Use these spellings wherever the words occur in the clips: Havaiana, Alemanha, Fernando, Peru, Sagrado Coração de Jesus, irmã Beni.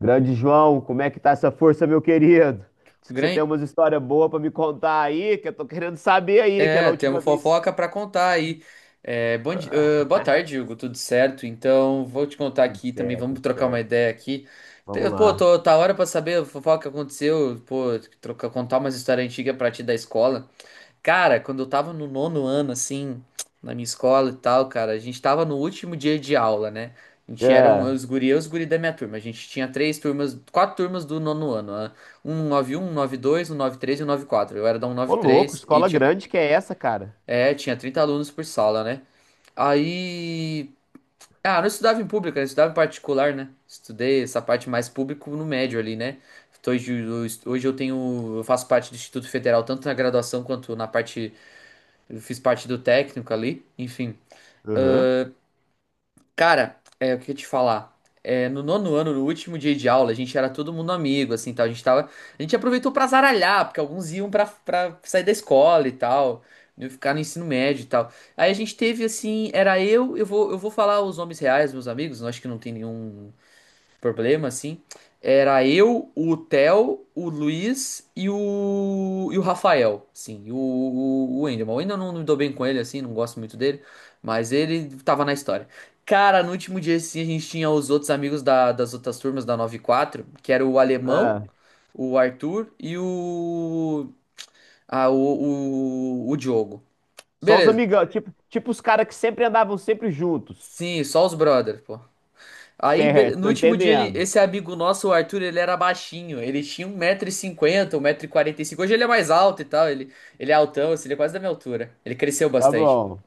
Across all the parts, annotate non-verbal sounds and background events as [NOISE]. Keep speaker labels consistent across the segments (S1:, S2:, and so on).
S1: Grande João, como é que tá essa força, meu querido? Diz que você tem
S2: Gran-
S1: umas histórias boas pra me contar aí, que eu tô querendo saber aí, aquela
S2: É, temos
S1: última vez.
S2: fofoca para contar aí. É,
S1: Ah,
S2: boa tarde, Hugo, tudo certo? Então, vou te contar
S1: tudo
S2: aqui também,
S1: certo,
S2: vamos
S1: tudo
S2: trocar uma
S1: certo.
S2: ideia aqui.
S1: Vamos lá.
S2: Tá hora para saber a fofoca que aconteceu, pô, contar umas histórias antigas pra ti da escola. Cara, quando eu tava no nono ano, assim, na minha escola e tal, cara, a gente tava no último dia de aula, né? A gente era
S1: É.
S2: os guri, eu e os guri da minha turma. A gente tinha três turmas, quatro turmas do nono ano, né? 191, nove um, um nove dois, um nove três e 194. Eu era da um
S1: Ô,
S2: nove
S1: louco,
S2: três e
S1: escola
S2: tinha.
S1: grande que é essa, cara?
S2: É, tinha 30 alunos por sala, né? Aí. Ah, eu não estudava em pública, eu estudava em particular, né? Estudei essa parte mais público no médio ali, né? Eu faço parte do Instituto Federal, tanto na graduação quanto na parte, eu fiz parte do técnico ali, enfim.
S1: Aham.
S2: Cara, o que eu ia te falar? É, no nono ano, no último dia de aula, a gente era todo mundo amigo, assim, tal. A gente aproveitou pra zaralhar, porque alguns iam pra sair da escola e tal, iam ficar no ensino médio e tal. Aí a gente teve, assim, era eu vou falar os nomes reais, meus amigos, eu acho que não tem nenhum, problema, assim, era eu, o Theo, o Luiz e o Rafael, sim, e o Wendel. Mas o Wendel não me dou bem com ele, assim, não gosto muito dele, mas ele tava na história. Cara, no último dia, assim, a gente tinha os outros amigos das outras turmas da nove quatro que era o Alemão,
S1: É.
S2: o Arthur e o, ah, o Diogo.
S1: Só os
S2: Beleza.
S1: amigão, tipo, tipo os caras que sempre andavam sempre juntos.
S2: Sim, só os brothers, pô. Aí,
S1: Certo,
S2: no
S1: tô
S2: último dia,
S1: entendendo.
S2: esse amigo nosso, o Arthur, ele era baixinho. Ele tinha um metro e cinquenta, um metro e quarenta e cinco. Hoje ele é mais alto e tal. Ele é altão, assim, ele é quase da minha altura. Ele cresceu
S1: Tá
S2: bastante.
S1: bom.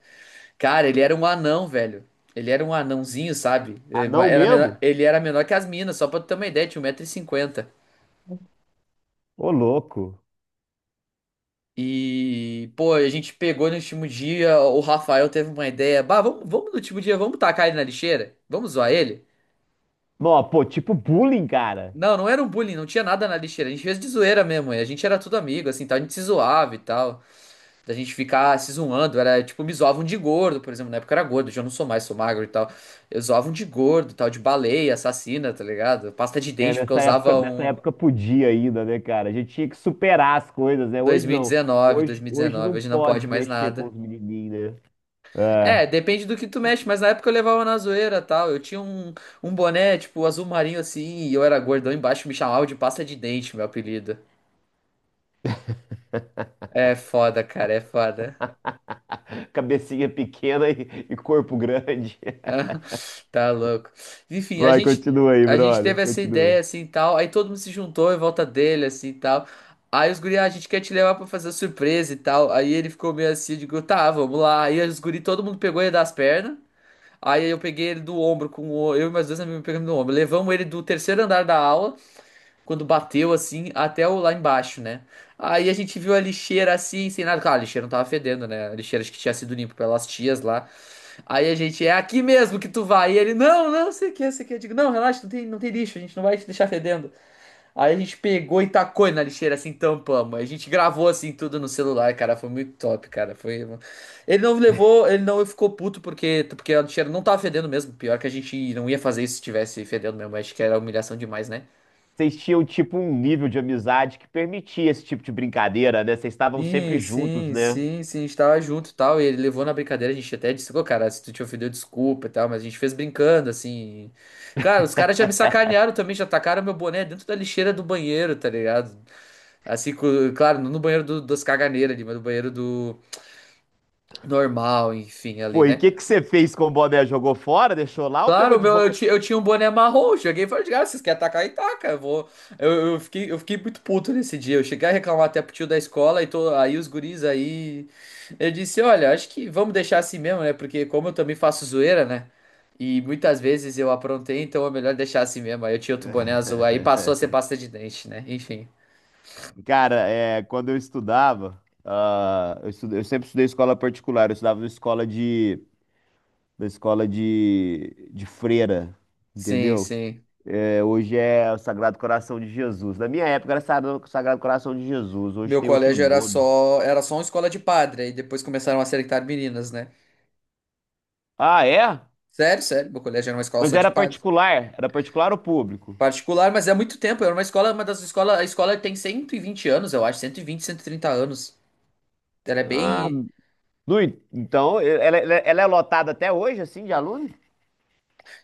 S2: Cara, ele era um anão, velho. Ele era um anãozinho, sabe? É,
S1: Ah,
S2: ma-
S1: não
S2: Era menor-
S1: mesmo?
S2: ele era menor que as minas, só pra tu ter uma ideia, tinha 1,50 m. E, cinquenta.
S1: Ô, louco.
S2: E, pô, a gente pegou no último dia, o Rafael teve uma ideia. Bah, vamos no último dia, vamos tacar ele na lixeira? Vamos zoar ele?
S1: Não, pô, tipo bullying, cara.
S2: Não, não era um bullying, não tinha nada na lixeira. A gente fez de zoeira mesmo, e a gente era tudo amigo, assim, tal, a gente se zoava e tal. Da gente ficar se zoando, era tipo, me zoavam de gordo, por exemplo, na época eu era gordo, já não sou mais, sou magro e tal. Eu zoavam de gordo, tal, de baleia, assassina, tá ligado? Pasta de
S1: É,
S2: dente, porque eu usava
S1: nessa
S2: um
S1: época podia ainda, né, cara? A gente tinha que superar as coisas, né? Hoje não.
S2: 2019,
S1: Hoje, hoje
S2: 2019,
S1: não
S2: hoje não pode
S1: pode
S2: mais
S1: mexer com
S2: nada.
S1: os menininhos, né? É,
S2: É, depende do que tu mexe, mas na época eu levava na zoeira, tal. Eu tinha um boné, tipo, azul marinho assim, e eu era gordão embaixo, me chamavam de pasta de dente, meu apelido. É foda, cara, é foda.
S1: cabecinha pequena e corpo grande.
S2: [LAUGHS]
S1: [LAUGHS]
S2: Ah, tá louco. Enfim, a
S1: Vai,
S2: gente
S1: continua aí,
S2: a gente teve
S1: brother.
S2: essa ideia
S1: Continua.
S2: assim e tal, aí todo mundo se juntou em volta dele assim e tal. Aí os guri, a gente quer te levar pra fazer surpresa e tal. Aí ele ficou meio assim, eu digo, tá, vamos lá. Aí os guri, todo mundo pegou ele das pernas. Aí eu peguei ele do ombro eu e meus dois amigos pegamos no ombro. Levamos ele do terceiro andar da aula, quando bateu assim, até o lá embaixo, né? Aí a gente viu a lixeira assim, sem nada. Claro, a lixeira não tava fedendo, né? A lixeira acho que tinha sido limpa pelas tias lá. Aí a gente, é aqui mesmo que tu vai. E ele, não, não, sei o que, sei o que. Eu digo, não, relaxa, não tem lixo, a gente não vai te deixar fedendo. Aí a gente pegou e tacou ele na lixeira, assim, tampamos. A gente gravou, assim, tudo no celular, cara, foi muito top, cara. Foi... um Ele não levou, ele não ficou puto porque a lixeira não tava fedendo mesmo. Pior que a gente não ia fazer isso se tivesse fedendo mesmo, acho que era humilhação demais, né?
S1: Vocês tinham, tipo, um nível de amizade que permitia esse tipo de brincadeira, né? Vocês estavam sempre
S2: Sim,
S1: juntos,
S2: sim,
S1: né?
S2: sim, sim, a gente tava junto e tal, e ele levou na brincadeira, a gente até disse, pô, cara, se tu te ofendeu, desculpa e tal, mas a gente fez brincando, assim. Cara, os caras já me sacanearam também, já tacaram meu boné dentro da lixeira do banheiro, tá ligado? Assim, claro, não no banheiro das caganeiras ali, mas no banheiro do normal, enfim, ali,
S1: Pô, e o
S2: né?
S1: que que você fez com o boné? Jogou fora, deixou lá ou
S2: Claro,
S1: pegou
S2: o
S1: de
S2: meu, eu,
S1: volta?
S2: ti- eu tinha um boné marrom, cheguei e falei, ah, vocês querem atacar, e taca, eu vou. Eu fiquei muito puto nesse dia, eu cheguei a reclamar até pro tio da escola, aí os guris aí. Eu disse, olha, acho que vamos deixar assim mesmo, né, porque como eu também faço zoeira, né, e muitas vezes eu aprontei, então é melhor deixar assim mesmo, aí eu tinha outro boné azul, aí passou a ser
S1: [LAUGHS]
S2: pasta de dente, né, enfim.
S1: Cara, é, quando eu estudava, eu sempre estudei escola particular, eu estudava na escola de freira,
S2: Sim,
S1: entendeu?
S2: sim.
S1: É, hoje é o Sagrado Coração de Jesus. Na minha época era Sagrado Coração de Jesus, hoje
S2: Meu
S1: tem outro
S2: colégio era
S1: nome.
S2: só, uma escola de padre, aí depois começaram a seletar meninas, né.
S1: Ah, é?
S2: Sério, sério, meu colégio era uma escola
S1: Mas
S2: só de
S1: era
S2: padre.
S1: particular? Era particular ou público?
S2: Particular, mas é muito tempo. Era uma escola, uma das escolas. A escola tem 120 anos, eu acho. Cento e vinte, 130 anos. Ela é
S1: Ah,
S2: bem.
S1: no en- então, ela é lotada até hoje, assim, de aluno?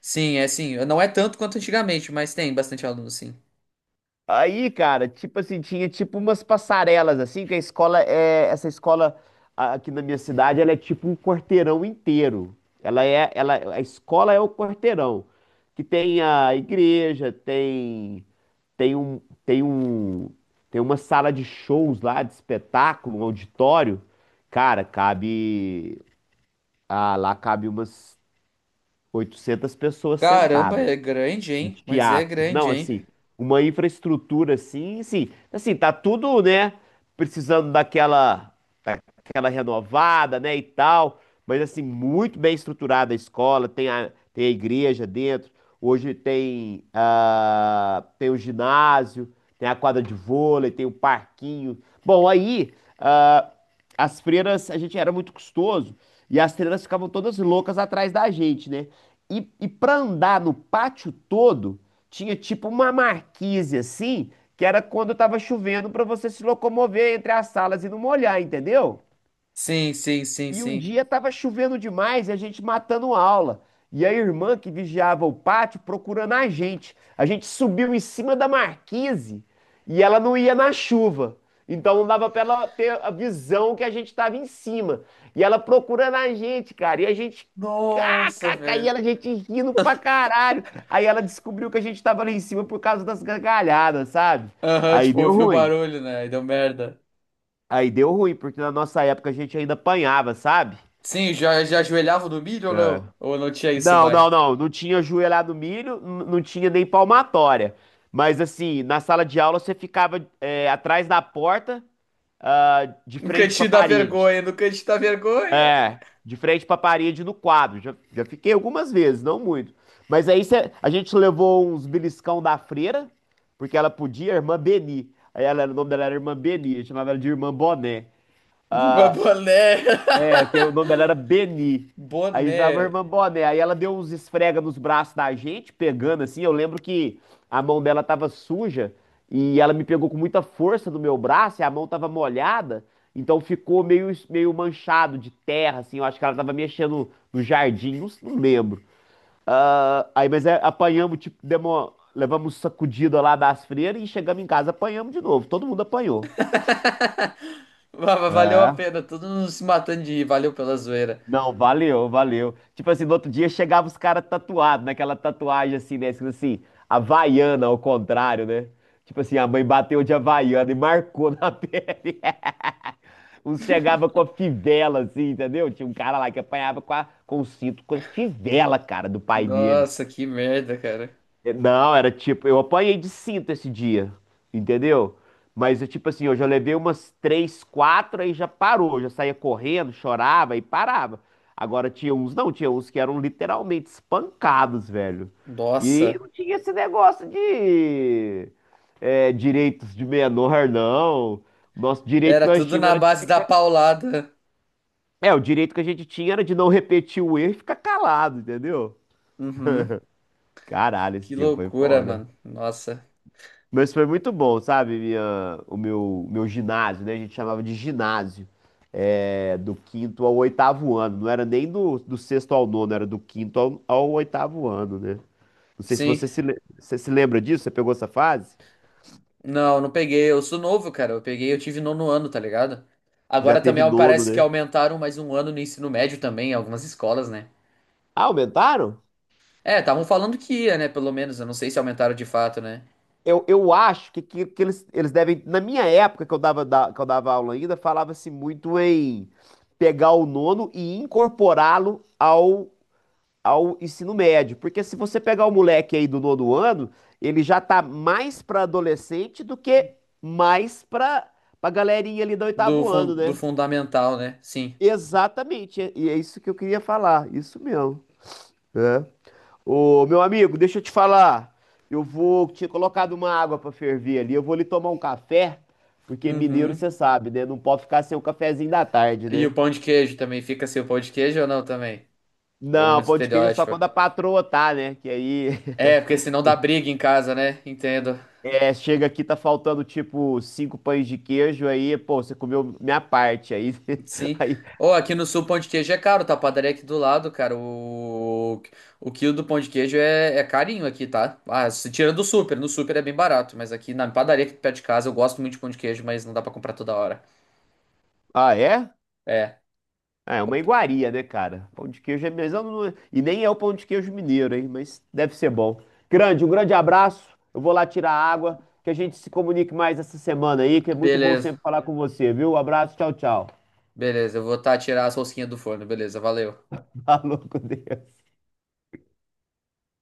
S2: Sim, é assim. Não é tanto quanto antigamente, mas tem bastante aluno, sim.
S1: Aí, cara, tipo assim, tinha tipo umas passarelas, assim, que a escola é. Essa escola aqui na minha cidade, ela é tipo um quarteirão inteiro. Ela é. Ela, a escola é o quarteirão. Que tem a igreja, tem. Tem um. Tem um. Tem uma sala de shows lá, de espetáculo, um auditório. Cara, cabe. Ah, lá cabe umas 800 pessoas
S2: Caramba,
S1: sentadas
S2: é grande,
S1: um
S2: hein? Mas é
S1: teatro. Não,
S2: grande, hein?
S1: assim, uma infraestrutura assim, tá tudo, né, precisando daquela aquela renovada, né, e tal. Mas assim, muito bem estruturada a escola, tem tem a igreja dentro. Hoje tem, ah, tem o ginásio, tem a quadra de vôlei, tem o parquinho. Bom, aí ah, as freiras, a gente era muito custoso e as freiras ficavam todas loucas atrás da gente, né? E para andar no pátio todo, tinha tipo uma marquise assim, que era quando tava chovendo para você se locomover entre as salas e não molhar, entendeu?
S2: Sim, sim, sim,
S1: E um
S2: sim.
S1: dia estava chovendo demais e a gente matando aula. E a irmã que vigiava o pátio procurando a gente. A gente subiu em cima da marquise e ela não ia na chuva. Então não dava para ela ter a visão que a gente estava em cima. E ela procurando a gente, cara. E a gente.
S2: Nossa,
S1: Cacaca, e
S2: velho.
S1: ela, a gente rindo pra caralho. Aí ela descobriu que a gente tava lá em cima por causa das gargalhadas, sabe?
S2: Aham,
S1: Aí
S2: tipo,
S1: deu
S2: ouviu o
S1: ruim.
S2: barulho, né? E deu merda.
S1: Aí deu ruim, porque na nossa época a gente ainda apanhava, sabe?
S2: Sim, já ajoelhava no milho ou
S1: É.
S2: não? Ou não tinha isso mais?
S1: Não. Não tinha joelhado milho, não tinha nem palmatória. Mas assim, na sala de aula você ficava é, atrás da porta, ah, de
S2: No
S1: frente para
S2: cantinho da vergonha,
S1: parede.
S2: no cantinho da vergonha.
S1: É, de frente para parede no quadro. Já fiquei algumas vezes, não muito. Mas a gente levou uns beliscão da freira, porque ela podia, a irmã Beni. Aí ela, o nome dela era irmã Beni, eu chamava ela de irmã Boné.
S2: Uma
S1: Ah,
S2: boné.
S1: é, porque o nome dela era Beni.
S2: [LAUGHS]
S1: Aí a gente
S2: Boné.
S1: falava, irmã Boné. Aí ela deu uns esfrega nos braços da gente, pegando assim. Eu lembro que a mão dela tava suja e ela me pegou com muita força no meu braço e a mão tava molhada. Então ficou meio manchado de terra, assim. Eu acho que ela tava mexendo no jardim, não lembro. Ah, aí, mas é, apanhamos, tipo, demos, levamos sacudida lá das freiras e chegamos em casa, apanhamos de novo. Todo mundo apanhou.
S2: Valeu a
S1: É.
S2: pena, todo mundo se matando de rir, valeu pela zoeira.
S1: Não, valeu, valeu. Tipo assim, no outro dia chegava os caras tatuados, naquela tatuagem assim, né? Escrito assim, Havaiana, ao contrário, né? Tipo assim, a mãe bateu de Havaiana e marcou na [LAUGHS] pele. Uns chegava com a fivela, assim, entendeu? Tinha um cara lá que apanhava com o cinto, com a fivela, cara, do pai dele.
S2: Nossa, que merda, cara.
S1: Não, era tipo, eu apanhei de cinto esse dia, entendeu? Mas eu, tipo assim, eu já levei umas três, quatro, aí já parou, já saía correndo, chorava e parava. Agora tinha uns, não, tinha uns que eram literalmente espancados, velho. E
S2: Nossa,
S1: não tinha esse negócio de é, direitos de menor, não. Nosso direito que
S2: era
S1: nós
S2: tudo
S1: tínhamos
S2: na
S1: era de
S2: base da
S1: ficar.
S2: paulada.
S1: É, o direito que a gente tinha era de não repetir o erro e ficar calado, entendeu?
S2: Uhum,
S1: Caralho, esse
S2: que
S1: dia foi
S2: loucura,
S1: foda.
S2: mano. Nossa,
S1: Mas foi muito bom, sabe? Minha, meu ginásio, né? A gente chamava de ginásio. É, do quinto ao oitavo ano. Não era nem do sexto ao nono, era do quinto ao oitavo ano, né? Não sei se
S2: sim.
S1: você se lembra disso, você pegou essa fase?
S2: Não peguei, eu sou novo, cara. Eu tive nono ano, tá ligado?
S1: Já
S2: Agora
S1: teve
S2: também
S1: nono,
S2: parece que
S1: né?
S2: aumentaram mais um ano no ensino médio também, em algumas escolas, né?
S1: Ah, aumentaram?
S2: É, estavam falando que ia, né? Pelo menos, eu não sei se aumentaram de fato, né?
S1: Eu acho que eles devem. Na minha época, que eu dava aula ainda, falava-se muito em pegar o nono e incorporá-lo ao ensino médio. Porque se você pegar o moleque aí do nono ano, ele já tá mais para adolescente do que mais para pra galerinha ali do
S2: Do,
S1: oitavo
S2: fun
S1: ano,
S2: do
S1: né?
S2: fundamental, né? Sim.
S1: Exatamente. E é isso que eu queria falar. Isso mesmo. É. Ô, meu amigo, deixa eu te falar. Eu vou tinha colocado uma água para ferver ali. Eu vou ali tomar um café, porque mineiro
S2: Uhum.
S1: você sabe, né? Não pode ficar sem o cafezinho da tarde,
S2: E o
S1: né?
S2: pão de queijo também fica sem o pão de queijo ou não também? Vamos
S1: Não,
S2: de
S1: pão de queijo é só
S2: estereótipo.
S1: quando a patroa tá, né? Que aí
S2: É,
S1: [LAUGHS]
S2: porque senão dá briga em casa, né? Entendo.
S1: É, chega aqui, tá faltando tipo cinco pães de queijo, aí, pô, você comeu minha parte, aí, [LAUGHS]
S2: Sim.
S1: aí,
S2: Ou aqui no sul, pão de queijo é caro, tá? A padaria aqui do lado, cara. O quilo do pão de queijo é carinho aqui, tá? Ah, se tira do super. No super é bem barato, mas aqui na padaria aqui perto de casa eu gosto muito de pão de queijo, mas não dá pra comprar toda hora.
S1: ah, é?
S2: É.
S1: Ah, é uma
S2: comp-
S1: iguaria, né, cara? Pão de queijo é mesmo, não- e nem é o pão de queijo mineiro, hein, mas deve ser bom. Grande, um grande abraço, eu vou lá tirar a água, que a gente se comunique mais essa semana aí, que é muito bom
S2: Beleza,
S1: sempre falar com você, viu? Um abraço, tchau, tchau.
S2: beleza. Eu vou tirar as rosquinhas do forno, beleza, valeu.
S1: [LAUGHS] Falou com Deus.